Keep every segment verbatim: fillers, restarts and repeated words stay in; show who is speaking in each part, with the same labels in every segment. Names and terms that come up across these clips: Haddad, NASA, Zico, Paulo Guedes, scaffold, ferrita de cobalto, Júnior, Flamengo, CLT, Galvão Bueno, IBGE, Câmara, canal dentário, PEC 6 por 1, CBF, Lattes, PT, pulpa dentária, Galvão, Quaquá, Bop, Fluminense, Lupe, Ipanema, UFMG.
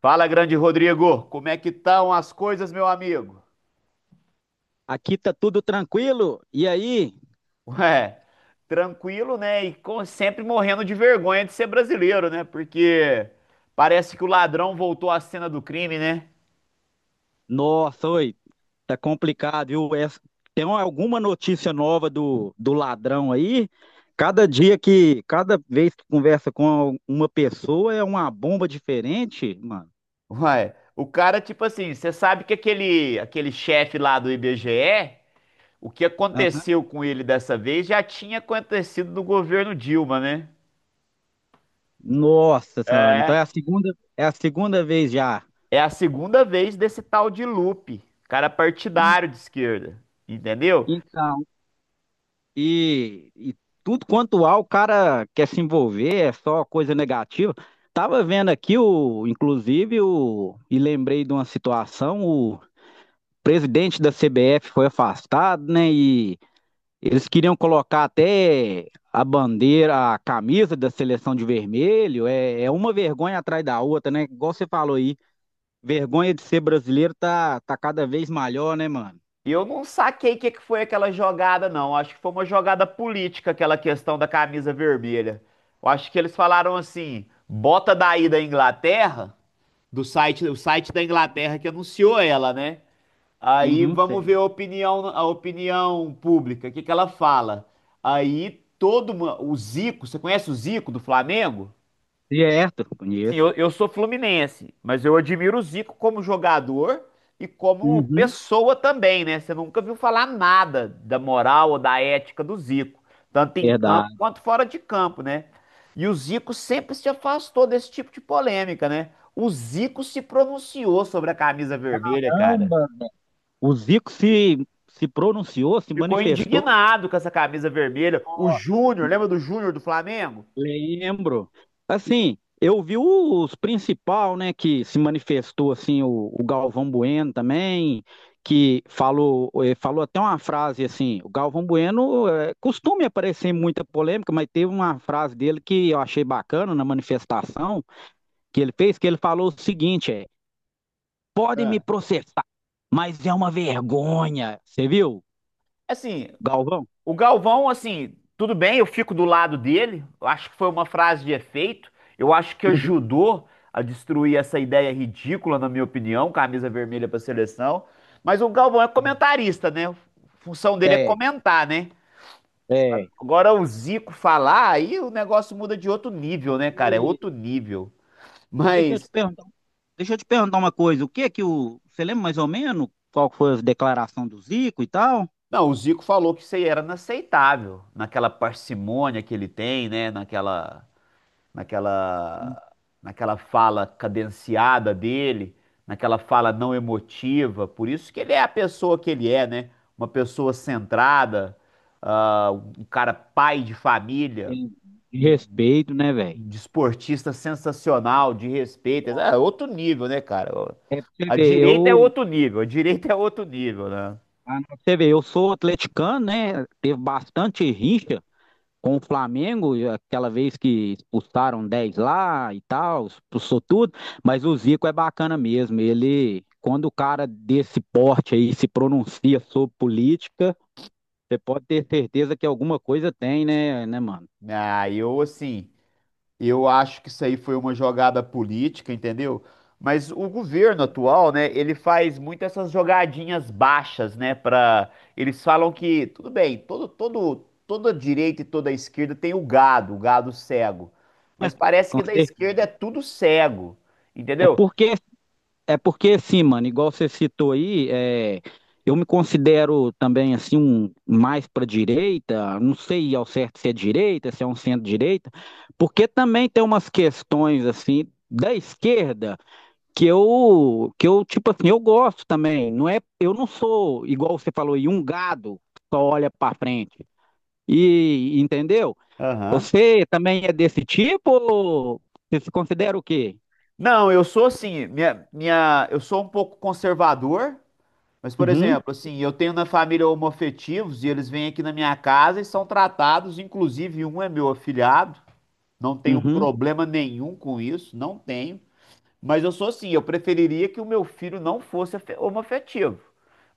Speaker 1: Fala, grande Rodrigo, como é que estão as coisas, meu amigo?
Speaker 2: Aqui tá tudo tranquilo. E aí?
Speaker 1: Ué, tranquilo, né? E com- sempre morrendo de vergonha de ser brasileiro, né? Porque parece que o ladrão voltou à cena do crime, né?
Speaker 2: Nossa, oi, tá complicado, viu? Essa- Tem alguma notícia nova do, do ladrão aí? Cada dia que, cada vez que conversa com uma pessoa é uma bomba diferente, mano.
Speaker 1: Ué, o cara, tipo assim, você sabe que aquele, aquele chefe lá do I B G E, o que
Speaker 2: Aham.
Speaker 1: aconteceu com ele dessa vez já tinha acontecido no governo Dilma, né?
Speaker 2: Nossa, senhora.
Speaker 1: É,
Speaker 2: Então é a segunda, é a segunda vez já.
Speaker 1: é a segunda vez desse tal de Lupe, cara
Speaker 2: E-
Speaker 1: partidário de esquerda, entendeu?
Speaker 2: Então. E, e tudo quanto há, o cara quer se envolver, é só coisa negativa. Tava vendo aqui o, inclusive o, e lembrei de uma situação, o presidente da C B F foi afastado, né? E eles queriam colocar até a bandeira, a camisa da seleção de vermelho. É, é uma vergonha atrás da outra, né? Igual você falou aí, vergonha de ser brasileiro tá, tá cada vez maior, né, mano?
Speaker 1: E eu não saquei o que que foi aquela jogada, não. Acho que foi uma jogada política, aquela questão da camisa vermelha. Eu acho que eles falaram assim: bota daí da Inglaterra, do site, o site da Inglaterra que anunciou ela, né? Aí
Speaker 2: Uhum,
Speaker 1: vamos ver
Speaker 2: certo.
Speaker 1: a opinião, a opinião pública, o que que ela fala. Aí todo mu- o Zico, você conhece o Zico do Flamengo?
Speaker 2: Certo,
Speaker 1: Sim,
Speaker 2: conheço.
Speaker 1: eu, eu sou fluminense, mas eu admiro o Zico como jogador e como
Speaker 2: Uhum,
Speaker 1: pessoa também, né? Você nunca viu falar nada da moral ou da ética do Zico, tanto em campo
Speaker 2: verdade.
Speaker 1: quanto fora de campo, né? E o Zico sempre se afastou desse tipo de polêmica, né? O Zico se pronunciou sobre a camisa vermelha, cara.
Speaker 2: O Zico se, se pronunciou, se
Speaker 1: Ficou
Speaker 2: manifestou.
Speaker 1: indignado com essa camisa vermelha. O Júnior, lembra do Júnior do Flamengo?
Speaker 2: Lembro. Assim, eu vi os principal, né, que se manifestou, assim, o, o Galvão Bueno também, que falou, eh, falou até uma frase assim, o Galvão Bueno eh, costuma aparecer em muita polêmica, mas teve uma frase dele que eu achei bacana na manifestação que ele fez, que ele falou o seguinte, é, podem me
Speaker 1: Ah.
Speaker 2: processar, mas é uma vergonha. Você viu,
Speaker 1: Assim.
Speaker 2: Galvão?
Speaker 1: O Galvão, assim, tudo bem, eu fico do lado dele. Eu acho que foi uma frase de efeito. Eu acho que
Speaker 2: Uhum.
Speaker 1: ajudou a destruir essa ideia ridícula, na minha opinião, camisa vermelha para seleção. Mas o Galvão é comentarista, né? A função dele é
Speaker 2: É,
Speaker 1: comentar, né?
Speaker 2: é.
Speaker 1: Agora o Zico falar, aí o negócio muda de outro nível, né, cara? É
Speaker 2: E
Speaker 1: outro nível.
Speaker 2: deixa eu
Speaker 1: Mas,
Speaker 2: te perguntar, deixa eu te perguntar uma coisa. O que é que o. Você lembra mais ou menos qual foi a declaração do Zico e tal?
Speaker 1: não, o Zico falou que isso aí era inaceitável, naquela parcimônia que ele tem, né? Naquela naquela, naquela fala cadenciada dele, naquela fala não emotiva. Por isso que ele é a pessoa que ele é, né? Uma pessoa centrada, ah, um cara pai de família,
Speaker 2: Tem de
Speaker 1: um
Speaker 2: respeito, né, velho?
Speaker 1: desportista sensacional, de respeito. É outro nível, né, cara?
Speaker 2: É pra você
Speaker 1: A
Speaker 2: ver,
Speaker 1: direita é
Speaker 2: eu,
Speaker 1: outro nível, a direita é outro nível, né?
Speaker 2: Ah, não, pra você ver, eu sou atleticano, né? Teve bastante rincha com o Flamengo, e aquela vez que expulsaram dez lá e tal, expulsou tudo, mas o Zico é bacana mesmo. Ele, quando o cara desse porte aí se pronuncia sobre política, você pode ter certeza que alguma coisa tem, né, né, mano?
Speaker 1: Ah, eu assim. Eu acho que isso aí foi uma jogada política, entendeu? Mas o governo atual, né, ele faz muito essas jogadinhas baixas, né, para eles falam que tudo bem, todo todo toda direita e toda esquerda tem o gado, o gado cego. Mas parece que
Speaker 2: Com
Speaker 1: da esquerda
Speaker 2: certeza.
Speaker 1: é tudo cego,
Speaker 2: É
Speaker 1: entendeu?
Speaker 2: porque, é porque assim, mano, igual você citou aí, é, eu me considero também assim um mais para direita, não sei ao certo se é direita, se é um centro-direita, porque também tem umas questões assim da esquerda que eu que eu tipo assim, eu gosto também, não é, eu não sou igual você falou aí um gado que só olha para frente. E entendeu?
Speaker 1: Aham.
Speaker 2: Você também é desse tipo ou você se considera o quê?
Speaker 1: Não, eu sou assim, minha, minha, eu sou um pouco conservador. Mas, por
Speaker 2: Uhum,
Speaker 1: exemplo, assim, eu tenho na família homoafetivos e eles vêm aqui na minha casa e são tratados, inclusive um é meu afilhado, não tenho
Speaker 2: uhum,
Speaker 1: problema nenhum com isso, não tenho. Mas eu sou assim, eu preferiria que o meu filho não fosse afe- homoafetivo.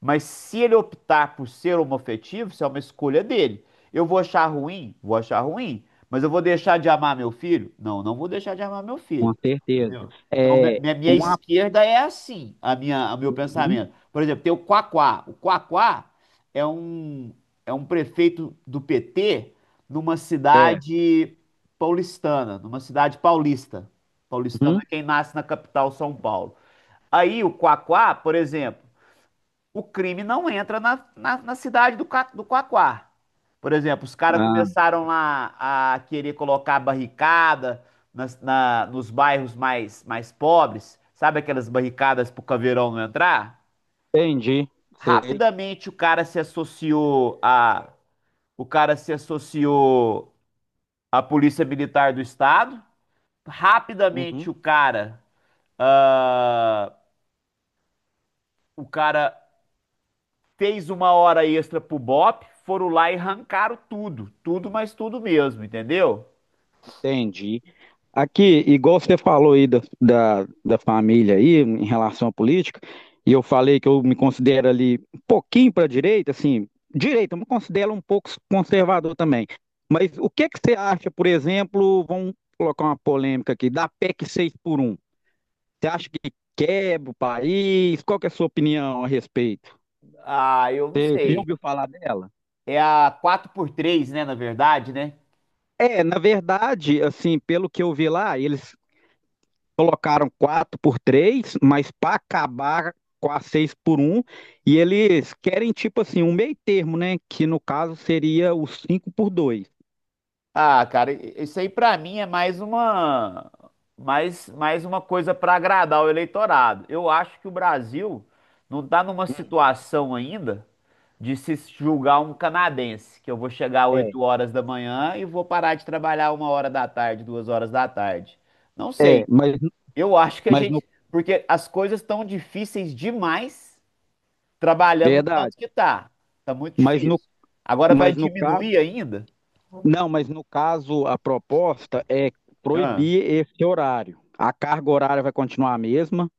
Speaker 1: Mas se ele optar por ser homoafetivo, isso é uma escolha dele. Eu vou achar ruim? Vou achar ruim. Mas eu vou deixar de amar meu filho? Não, não vou deixar de amar meu
Speaker 2: com
Speaker 1: filho.
Speaker 2: certeza.
Speaker 1: Entendeu? Então, mi-
Speaker 2: É,
Speaker 1: minha, minha
Speaker 2: uma...
Speaker 1: esquerda é assim, a minha, o meu
Speaker 2: Uhum,
Speaker 1: pensamento. Por exemplo, tem o Quaquá. O Quaquá é um, é um prefeito do P T numa
Speaker 2: é,
Speaker 1: cidade paulistana, numa cidade paulista. Paulistano é
Speaker 2: uhum,
Speaker 1: quem nasce na capital São Paulo. Aí o Quaquá, por exemplo, o crime não entra na, na, na cidade do, Ca- do Quaquá. Por exemplo, os caras
Speaker 2: ah,
Speaker 1: começaram lá a querer colocar barricada nas- na- nos bairros mais, mais pobres, sabe aquelas barricadas pro caveirão não entrar?
Speaker 2: entendi, sei.
Speaker 1: Rapidamente o cara se associou a, o cara se associou à Polícia Militar do Estado. Rapidamente
Speaker 2: Uhum,
Speaker 1: o cara ah, o cara fez uma hora extra pro Bop, foram lá e arrancaram tudo. Tudo, mas tudo mesmo, entendeu?
Speaker 2: entendi. Aqui, igual você falou aí da, da, da família aí, em relação à política, e eu falei que eu me considero ali um pouquinho para a direita, assim, direita, eu me considero um pouco conservador também. Mas o que que você acha, por exemplo, vamos colocar uma polêmica aqui, da PEC seis por um? Você acha que quebra o país? Qual que é a sua opinião a respeito?
Speaker 1: Ah, eu não
Speaker 2: Você já
Speaker 1: sei.
Speaker 2: ouviu falar dela?
Speaker 1: É a quatro por três, né, na verdade, né?
Speaker 2: É, na verdade, assim, pelo que eu vi lá, eles colocaram quatro por três, mas para acabar com a seis por um e eles querem tipo assim, um meio termo, né? Que no caso seria o cinco por dois.
Speaker 1: Ah, cara, isso aí pra mim é mais uma mais, mais uma coisa pra agradar o eleitorado. Eu acho que o Brasil não tá numa
Speaker 2: Hum,
Speaker 1: situação ainda de se julgar um canadense, que eu vou chegar às
Speaker 2: É,
Speaker 1: oito horas da manhã e vou parar de trabalhar uma hora da tarde, duas horas da tarde. Não
Speaker 2: é,
Speaker 1: sei.
Speaker 2: mas,
Speaker 1: Eu acho que a
Speaker 2: mas no,
Speaker 1: gente. Porque as coisas estão difíceis demais trabalhando do
Speaker 2: verdade,
Speaker 1: tanto que tá. Tá muito
Speaker 2: mas no,
Speaker 1: difícil. Agora vai
Speaker 2: mas no caso,
Speaker 1: diminuir ainda?
Speaker 2: não, mas no caso a proposta é
Speaker 1: Ah,
Speaker 2: proibir esse horário. A carga horária vai continuar a mesma,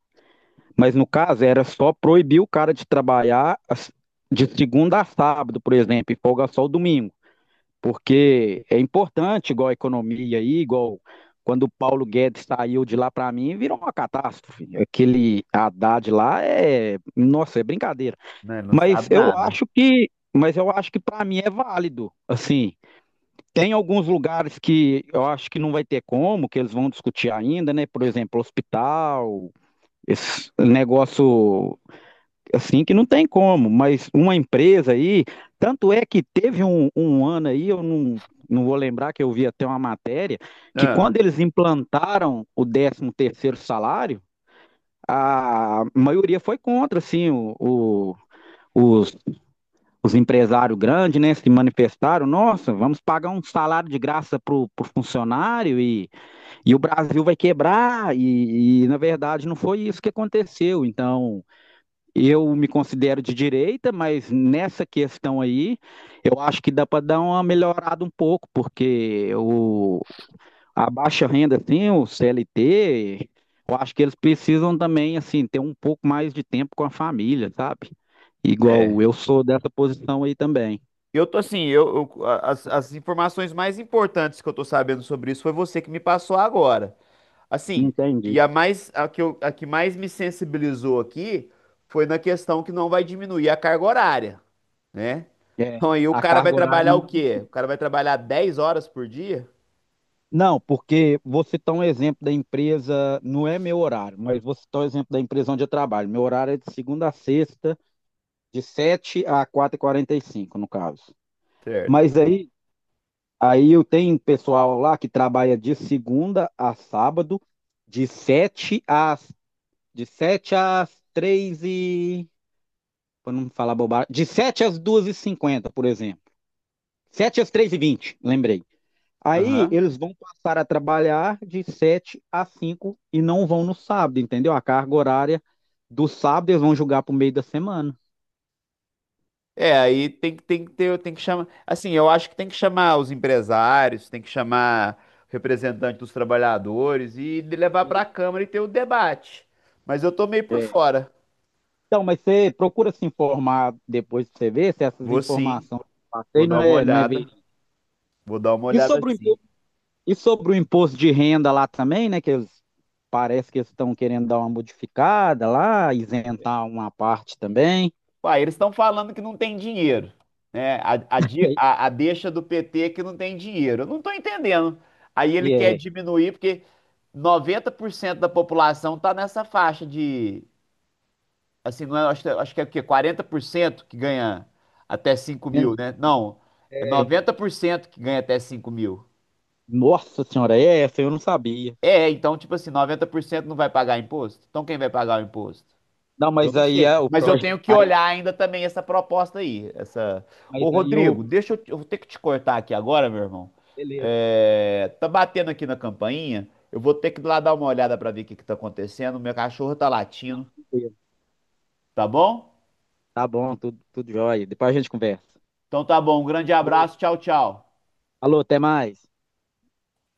Speaker 2: mas no caso era só proibir o cara de trabalhar as- de segunda a sábado, por exemplo, e folga só o domingo. Porque é importante, igual a economia aí, igual quando o Paulo Guedes saiu de lá para mim, virou uma catástrofe. Aquele Haddad lá é, nossa, é brincadeira.
Speaker 1: né, não
Speaker 2: Mas
Speaker 1: sabe
Speaker 2: eu
Speaker 1: nada.
Speaker 2: acho que, mas eu acho que para mim é válido. Assim, tem alguns lugares que eu acho que não vai ter como, que eles vão discutir ainda, né? Por exemplo, hospital, esse negócio assim que não tem como, mas uma empresa aí, tanto é que teve um, um ano aí, eu não, não vou lembrar que eu vi até uma matéria, que
Speaker 1: Ah,
Speaker 2: quando eles implantaram o décimo terceiro salário, a maioria foi contra, assim, o, o- os, os empresários grandes, né, se manifestaram, nossa, vamos pagar um salário de graça pro, pro funcionário e, e o Brasil vai quebrar, e, e na verdade não foi isso que aconteceu, então... Eu me considero de direita, mas nessa questão aí, eu acho que dá para dar uma melhorada um pouco, porque o, a baixa renda, assim, o C L T, eu acho que eles precisam também, assim, ter um pouco mais de tempo com a família, sabe?
Speaker 1: é.
Speaker 2: Igual eu sou dessa posição aí também.
Speaker 1: Eu tô assim, eu, eu- a- as, as informações mais importantes que eu tô sabendo sobre isso foi você que me passou agora. Assim,
Speaker 2: Entendi.
Speaker 1: e a mais a que, eu- a que mais me sensibilizou aqui foi na questão que não vai diminuir a carga horária, né?
Speaker 2: É,
Speaker 1: Então aí o
Speaker 2: a
Speaker 1: cara vai
Speaker 2: carga horária
Speaker 1: trabalhar
Speaker 2: não.
Speaker 1: o quê? O cara vai trabalhar dez horas por dia?
Speaker 2: Não, porque vou citar um exemplo da empresa, não é meu horário, mas vou citar o exemplo da empresa onde eu trabalho. Meu horário é de segunda a sexta, de sete a quatro e quarenta e cinco no caso.
Speaker 1: Certo.
Speaker 2: Mas aí, Aí eu tenho pessoal lá que trabalha de segunda a sábado, de sete às, de sete às três e. Para não falar bobagem. De sete às duas e cinquenta por exemplo. Sete às três e vinte lembrei. Aí
Speaker 1: Aham.
Speaker 2: eles vão passar a trabalhar de sete a cinco e não vão no sábado, entendeu? A carga horária do sábado eles vão jogar para o meio da semana.
Speaker 1: É, aí tem, que- tem que ter, tem que chamar. Assim, eu acho que tem que chamar os empresários, tem que chamar o representante dos trabalhadores e de- levar para a Câmara e ter o debate. Mas eu tô meio por
Speaker 2: É,
Speaker 1: fora.
Speaker 2: então, mas você procura se informar depois pra você ver se essas
Speaker 1: Vou sim,
Speaker 2: informações que eu
Speaker 1: vou
Speaker 2: passei
Speaker 1: dar
Speaker 2: não
Speaker 1: uma
Speaker 2: é, não é
Speaker 1: olhada.
Speaker 2: verídica.
Speaker 1: Vou dar uma
Speaker 2: E
Speaker 1: olhada
Speaker 2: sobre o
Speaker 1: sim.
Speaker 2: imposto, e sobre o imposto de renda lá também, né? Que eles, parece que eles estão querendo dar uma modificada lá, isentar uma parte também.
Speaker 1: Uai, eles estão falando que não tem dinheiro, né? A, a, di- a- a deixa do P T é que não tem dinheiro. Eu não estou entendendo. Aí ele
Speaker 2: E
Speaker 1: quer
Speaker 2: é,
Speaker 1: diminuir, porque noventa por cento da população está nessa faixa de, assim, não é- acho, que acho que é o quê? quarenta por cento que ganha até cinco mil,
Speaker 2: menos-
Speaker 1: né? Não, é noventa por cento que ganha até cinco mil.
Speaker 2: Nossa senhora, é essa eu não sabia.
Speaker 1: É, então, tipo assim, noventa por cento não vai pagar imposto? Então quem vai pagar o imposto?
Speaker 2: Não,
Speaker 1: Eu
Speaker 2: mas
Speaker 1: não
Speaker 2: aí
Speaker 1: sei,
Speaker 2: é o
Speaker 1: mas eu
Speaker 2: projeto.
Speaker 1: tenho que
Speaker 2: Aí,
Speaker 1: olhar ainda também essa proposta aí, essa.
Speaker 2: mas
Speaker 1: Ô,
Speaker 2: aí o.
Speaker 1: Rodrigo, deixa eu, eu vou ter que te cortar aqui agora, meu irmão.
Speaker 2: Beleza,
Speaker 1: É, tá batendo aqui na campainha. Eu vou ter que ir lá dar uma olhada pra ver o que que tá acontecendo. Meu cachorro tá latindo,
Speaker 2: beleza.
Speaker 1: tá bom?
Speaker 2: Tá bom, tudo, tudo jóia. Depois a gente conversa.
Speaker 1: Então tá bom, um grande
Speaker 2: Alô,
Speaker 1: abraço, tchau, tchau.
Speaker 2: alô, até mais.